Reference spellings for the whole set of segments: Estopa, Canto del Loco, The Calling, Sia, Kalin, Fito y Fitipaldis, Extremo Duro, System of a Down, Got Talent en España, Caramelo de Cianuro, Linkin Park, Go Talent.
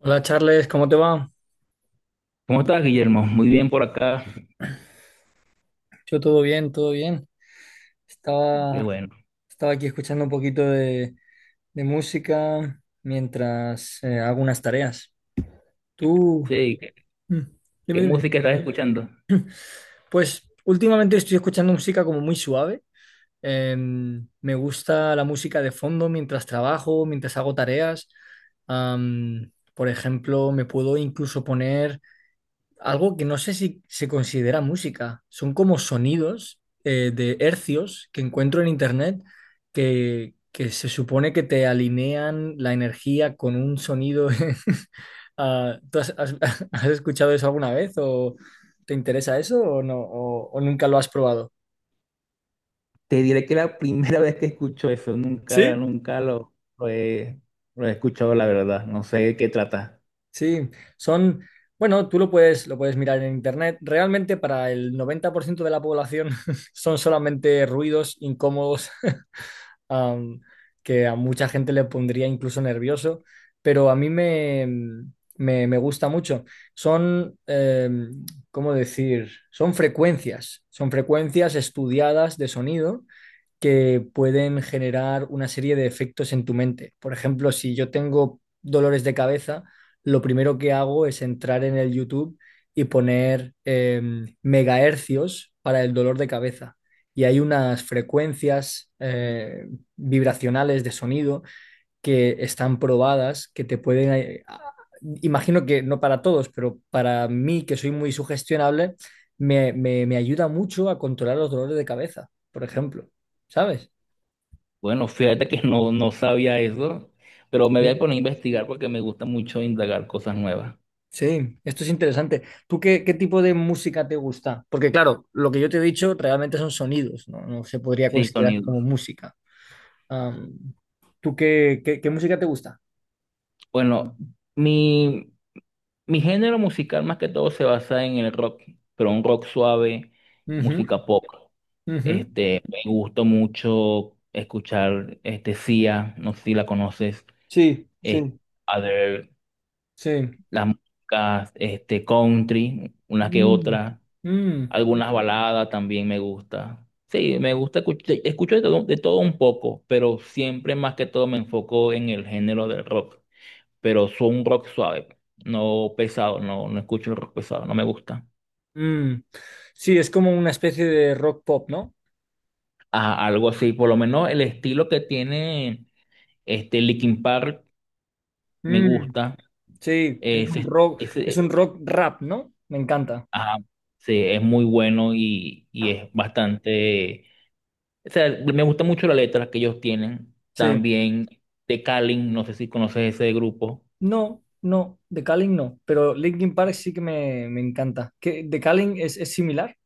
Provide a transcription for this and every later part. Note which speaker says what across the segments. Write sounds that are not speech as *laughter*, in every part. Speaker 1: Hola Charles, ¿cómo te va?
Speaker 2: ¿Cómo estás, Guillermo? Muy bien por acá.
Speaker 1: Yo todo bien, todo bien.
Speaker 2: Qué
Speaker 1: Estaba,
Speaker 2: bueno.
Speaker 1: estaba aquí escuchando un poquito de música mientras hago unas tareas. Tú,
Speaker 2: Sí,
Speaker 1: Mm, dime,
Speaker 2: ¿qué
Speaker 1: dime.
Speaker 2: música estás escuchando?
Speaker 1: Pues últimamente estoy escuchando música como muy suave. Me gusta la música de fondo mientras trabajo, mientras hago tareas. Por ejemplo, me puedo incluso poner algo que no sé si se considera música. Son como sonidos de hercios que encuentro en internet que se supone que te alinean la energía con un sonido. *laughs* Ah, ¿tú has, *laughs* has escuchado eso alguna vez o te interesa eso o no o nunca lo has probado?
Speaker 2: Te diré que la primera vez que escucho eso, nunca,
Speaker 1: ¿Sí?
Speaker 2: nunca, lo he escuchado, la verdad. No sé de qué trata.
Speaker 1: Sí, son, bueno, tú lo puedes mirar en internet. Realmente para el 90% de la población *laughs* son solamente ruidos incómodos. *laughs* am, que a mucha gente le pondría incluso nervioso, pero a mí me gusta mucho. Son, ¿cómo decir? Son frecuencias estudiadas de sonido que pueden generar una serie de efectos en tu mente. Por ejemplo, si yo tengo dolores de cabeza, lo primero que hago es entrar en el YouTube y poner megahercios para el dolor de cabeza. Y hay unas frecuencias vibracionales de sonido que están probadas, que te pueden... Imagino que no para todos, pero para mí, que soy muy sugestionable, me ayuda mucho a controlar los dolores de cabeza, por ejemplo. ¿Sabes?
Speaker 2: Bueno, fíjate que no sabía eso, pero me voy
Speaker 1: Sí.
Speaker 2: a poner a investigar porque me gusta mucho indagar cosas nuevas.
Speaker 1: Sí, esto es interesante. ¿Tú qué, qué tipo de música te gusta? Porque claro, lo que yo te he dicho realmente son sonidos, no, no se podría
Speaker 2: Sí,
Speaker 1: considerar como
Speaker 2: sonidos.
Speaker 1: música. Am, ¿Tú qué, qué música te gusta?
Speaker 2: Bueno, mi, mi género musical más que todo se basa en el rock, pero un rock suave,
Speaker 1: Ujú,
Speaker 2: música pop.
Speaker 1: ujú.
Speaker 2: Este, me gustó mucho escuchar este Sia, no sé si la conoces,
Speaker 1: Sí,
Speaker 2: este,
Speaker 1: sí,
Speaker 2: other
Speaker 1: sí.
Speaker 2: las músicas este country, una que
Speaker 1: Mm,
Speaker 2: otra,
Speaker 1: mm.
Speaker 2: algunas baladas también me gusta. Sí, me gusta escuchar, escucho de todo un poco, pero siempre más que todo me enfoco en el género del rock, pero soy un rock suave, no pesado, no, no escucho el rock pesado, no me gusta.
Speaker 1: Mm, sí, es como una especie de rock pop, ¿no?
Speaker 2: Ah, algo así, por lo menos el estilo que tiene este Linkin Park me
Speaker 1: Mm,
Speaker 2: gusta.
Speaker 1: sí,
Speaker 2: Ese,
Speaker 1: es
Speaker 2: ese,
Speaker 1: un rock rap, ¿no? Me encanta.
Speaker 2: ajá, sí, es muy bueno y, es bastante. O sea, me gusta mucho la letra que ellos tienen.
Speaker 1: Sí.
Speaker 2: También de Kalin, no sé si conoces ese grupo.
Speaker 1: No, no, The Calling no, pero Linkin Park sí que me encanta. ¿Qué, The Calling es similar?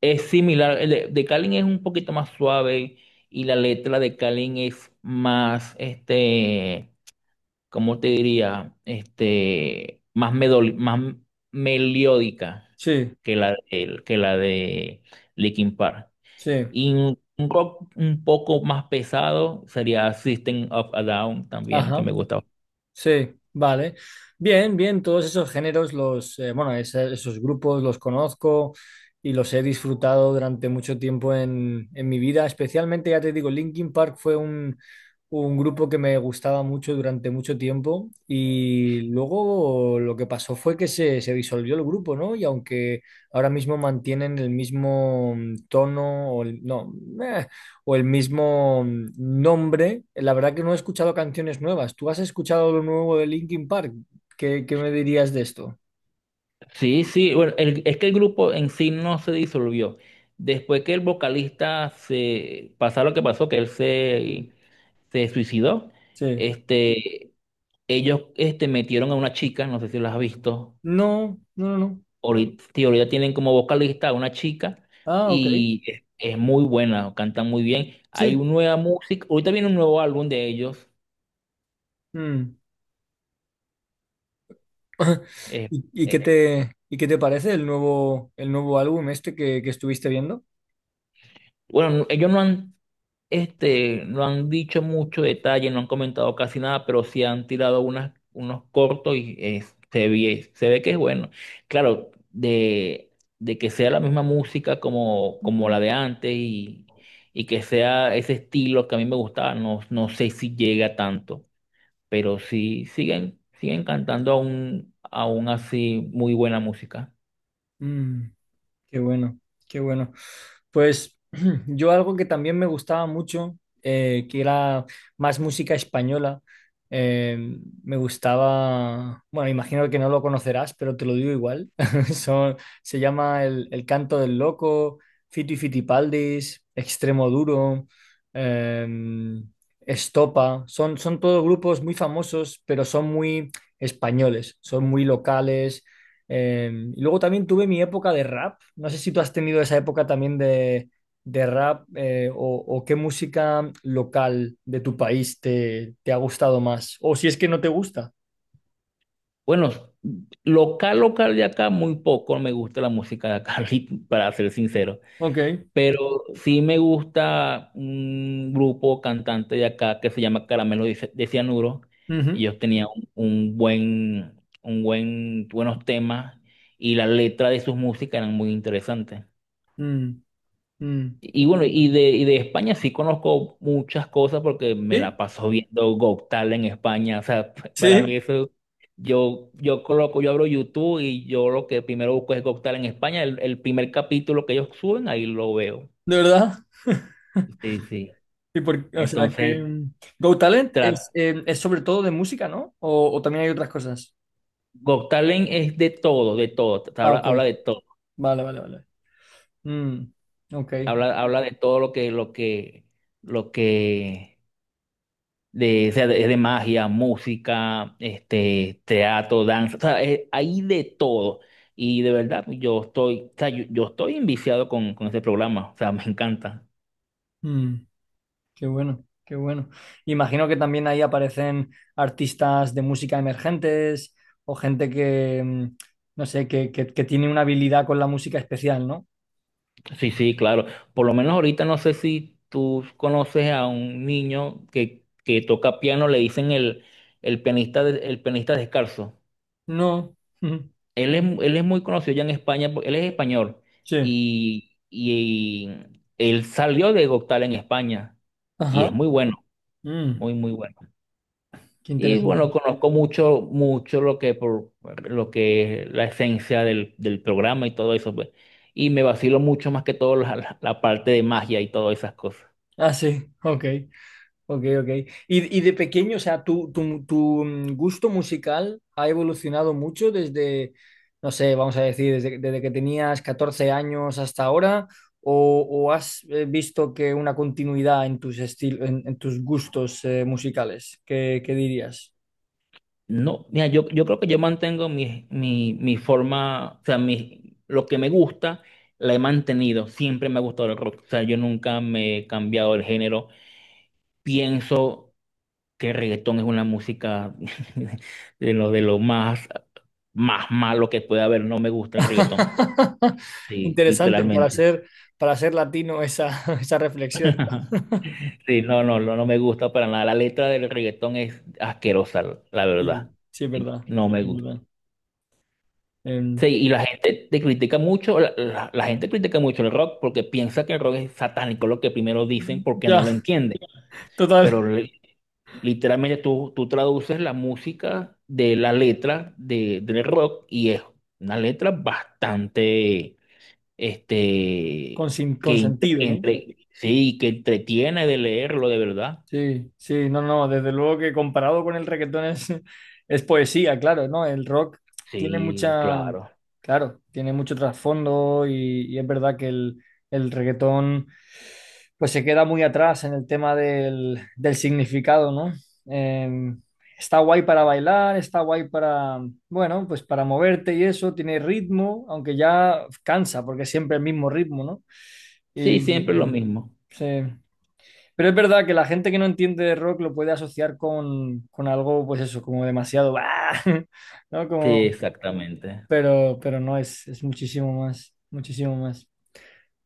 Speaker 2: Es similar, de Kalin es un poquito más suave y la letra de Kalin es más, este, ¿cómo te diría? Este, más, más melódica
Speaker 1: Sí,
Speaker 2: que la de Linkin Park.
Speaker 1: sí.
Speaker 2: Y un rock un poco más pesado sería System of a Down también, que
Speaker 1: Ajá.
Speaker 2: me gustaba.
Speaker 1: Sí, vale. Bien, bien, todos esos géneros, los, bueno, esos grupos los conozco y los he disfrutado durante mucho tiempo en mi vida. Especialmente, ya te digo, Linkin Park fue un grupo que me gustaba mucho durante mucho tiempo y luego lo que pasó fue que se disolvió el grupo, ¿no? Y aunque ahora mismo mantienen el mismo tono, o no, eh, o el mismo nombre. La verdad que no he escuchado canciones nuevas. ¿Tú has escuchado lo nuevo de Linkin Park? ¿Qué, qué me dirías de esto?
Speaker 2: Sí, sí, bueno, es que el grupo en sí no se disolvió. Después que el vocalista se pasó lo que pasó,
Speaker 1: Sí.
Speaker 2: se suicidó,
Speaker 1: Sí.
Speaker 2: este, ellos este, metieron a una chica, no sé si lo has visto,
Speaker 1: No, no, no, no.
Speaker 2: ahorita, sí, ahorita tienen como vocalista a una chica
Speaker 1: Ah, ok.
Speaker 2: y es muy buena, canta muy bien. Hay
Speaker 1: Sí.
Speaker 2: una nueva música, ahorita viene un nuevo álbum de ellos.
Speaker 1: Mm. *laughs*
Speaker 2: eh,
Speaker 1: ¿Y,
Speaker 2: eh,
Speaker 1: y qué te parece el nuevo álbum este que estuviste viendo?
Speaker 2: Bueno, no- ellos no han, este, no han dicho mucho detalle, no han comentado casi nada, pero sí han tirado unas, unos cortos y se ve que es bueno. Claro, de que sea la misma música como, como la de antes y que sea ese estilo que a mí me gustaba, no, no sé si llega tanto, pero sí siguen, siguen cantando aún, aún así muy buena música.
Speaker 1: Mm. Qué bueno, qué bueno. Pues *clears throat* yo algo que también me gustaba mucho, que era más música española, eh, me gustaba, bueno, imagino que no lo conocerás, pero te lo digo igual, *laughs* Son- se llama el Canto del Loco, Fito y Fitipaldis, Extremo Duro, eh, Estopa, son, son todos grupos muy famosos, pero son muy españoles, son muy locales y luego también tuve mi época de rap. No sé si tú has tenido esa época también de rap o qué música local de tu país te ha gustado más. O si es que no te gusta.
Speaker 2: Bueno, local, local de acá, muy poco me gusta la música de acá, *laughs* para ser sincero.
Speaker 1: Ok.
Speaker 2: Pero sí me gusta un grupo cantante de acá que se llama Caramelo de Cianuro. Y
Speaker 1: Ujú.
Speaker 2: ellos tenían un, un buen, buenos temas y la letra de sus músicas eran muy interesantes.
Speaker 1: Mm, mm.
Speaker 2: Y bueno, y de España sí conozco muchas cosas porque me la
Speaker 1: Sí,
Speaker 2: paso viendo Got Talent en España. O sea, *laughs* para
Speaker 1: sí,
Speaker 2: mí eso, yo coloco, yo abro YouTube y yo lo que primero busco es Got Talent en España. El primer capítulo que ellos suben, ahí lo veo.
Speaker 1: de verdad.
Speaker 2: Sí, sí.
Speaker 1: ¿Y o sea que
Speaker 2: Entonces,
Speaker 1: Go Talent
Speaker 2: tra-
Speaker 1: es sobre todo de música, ¿no? O también hay otras cosas?
Speaker 2: Got Talent es de todo, de todo.
Speaker 1: Ah,
Speaker 2: Habla,
Speaker 1: ok.
Speaker 2: habla de todo.
Speaker 1: Vale, vale, vale. Mm, ok.
Speaker 2: Habla, habla de todo lo que o sea, de magia, música, este, teatro, danza, o sea, hay de todo. Y de verdad, pues, yo estoy, o sea, yo estoy enviciado con ese programa, o sea, me encanta.
Speaker 1: Mm. Qué bueno, qué bueno. Imagino que también ahí aparecen artistas de música emergentes o gente que, no sé, que, que tiene una habilidad con la música especial, ¿no?
Speaker 2: Sí, sí, claro. Por lo menos ahorita no sé si tú conoces a un niño que toca piano, le dicen el pianista descalzo.
Speaker 1: No. *laughs* Ujú.
Speaker 2: Él es muy conocido ya en España, porque él es español
Speaker 1: Sí.
Speaker 2: y él salió de Goktal en España y es
Speaker 1: Ajá.
Speaker 2: muy bueno.
Speaker 1: Mm,
Speaker 2: Muy, muy bueno.
Speaker 1: qué
Speaker 2: Y bueno,
Speaker 1: interesante.
Speaker 2: conozco mucho, mucho lo que por lo que es la esencia del, del programa y todo eso, pues. Y me vacilo mucho más que todo la parte de magia y todas esas cosas.
Speaker 1: Ah, sí, ok. Ok, ok. Y de pequeño, o sea, tu gusto musical ha evolucionado mucho desde, no sé, vamos a decir, desde que tenías 14 años hasta ahora, o has visto que una continuidad en tus estilos, en tus gustos musicales, ¿qué, qué dirías?
Speaker 2: No, mira, yo creo que yo mantengo mi forma, o sea, mi, lo que me gusta, la he mantenido. Siempre me ha gustado el rock. O sea, yo nunca me he cambiado el género. Pienso que el reggaetón es una música *laughs* de lo más, más malo que puede haber. No me gusta el reggaetón.
Speaker 1: *laughs*
Speaker 2: Sí,
Speaker 1: Interesante
Speaker 2: literalmente.
Speaker 1: para ser latino esa, *laughs* esa reflexión.
Speaker 2: *laughs* Sí, no, no, no, no me gusta para nada. La letra del reggaetón es asquerosa, la
Speaker 1: Sí,
Speaker 2: verdad.
Speaker 1: sí, es
Speaker 2: Sí,
Speaker 1: verdad,
Speaker 2: no me
Speaker 1: sí, es
Speaker 2: gusta.
Speaker 1: verdad.
Speaker 2: Sí,
Speaker 1: Em,
Speaker 2: y la gente te critica mucho, la gente critica mucho el rock porque piensa que el rock es satánico, lo que primero dicen porque no
Speaker 1: ya,
Speaker 2: lo entienden.
Speaker 1: total,
Speaker 2: Pero literalmente tú traduces la música de la letra del rock y es una letra bastante, este,
Speaker 1: con, con sentido, ¿no?
Speaker 2: sí, que entretiene de leerlo de verdad.
Speaker 1: Sí, sí, no, no, desde luego que comparado con el reggaetón es, *laughs* es poesía, claro, ¿no? El rock tiene
Speaker 2: Sí,
Speaker 1: mucha,
Speaker 2: claro.
Speaker 1: claro, tiene mucho trasfondo y es verdad que el reggaetón pues se queda muy atrás en el tema del, del significado, ¿no? Eh, está guay para bailar, está guay para, bueno, pues para moverte y eso, tiene ritmo, aunque ya cansa porque es siempre el mismo ritmo, ¿no?
Speaker 2: Sí,
Speaker 1: Y
Speaker 2: siempre lo mismo.
Speaker 1: sí, pero es verdad que la gente que no entiende de rock lo puede asociar con algo, pues eso, como demasiado, ¡ah! *laughs* ¿no?
Speaker 2: Sí,
Speaker 1: Como,
Speaker 2: exactamente.
Speaker 1: pero no, es muchísimo más, muchísimo más.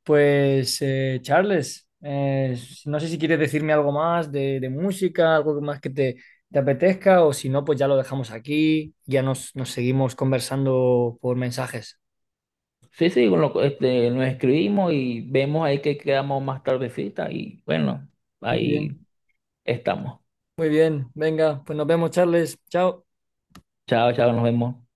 Speaker 1: Pues, Charles, no sé si quieres decirme algo más de música, algo más que te apetezca, o si no, pues ya lo dejamos aquí, ya nos seguimos conversando por mensajes.
Speaker 2: Sí, sí, este, nos escribimos y vemos ahí que quedamos más tardecita y bueno,
Speaker 1: Muy
Speaker 2: ahí
Speaker 1: bien,
Speaker 2: estamos.
Speaker 1: muy bien, venga, pues nos vemos, Charles, chao.
Speaker 2: Chao, chao, nos vemos.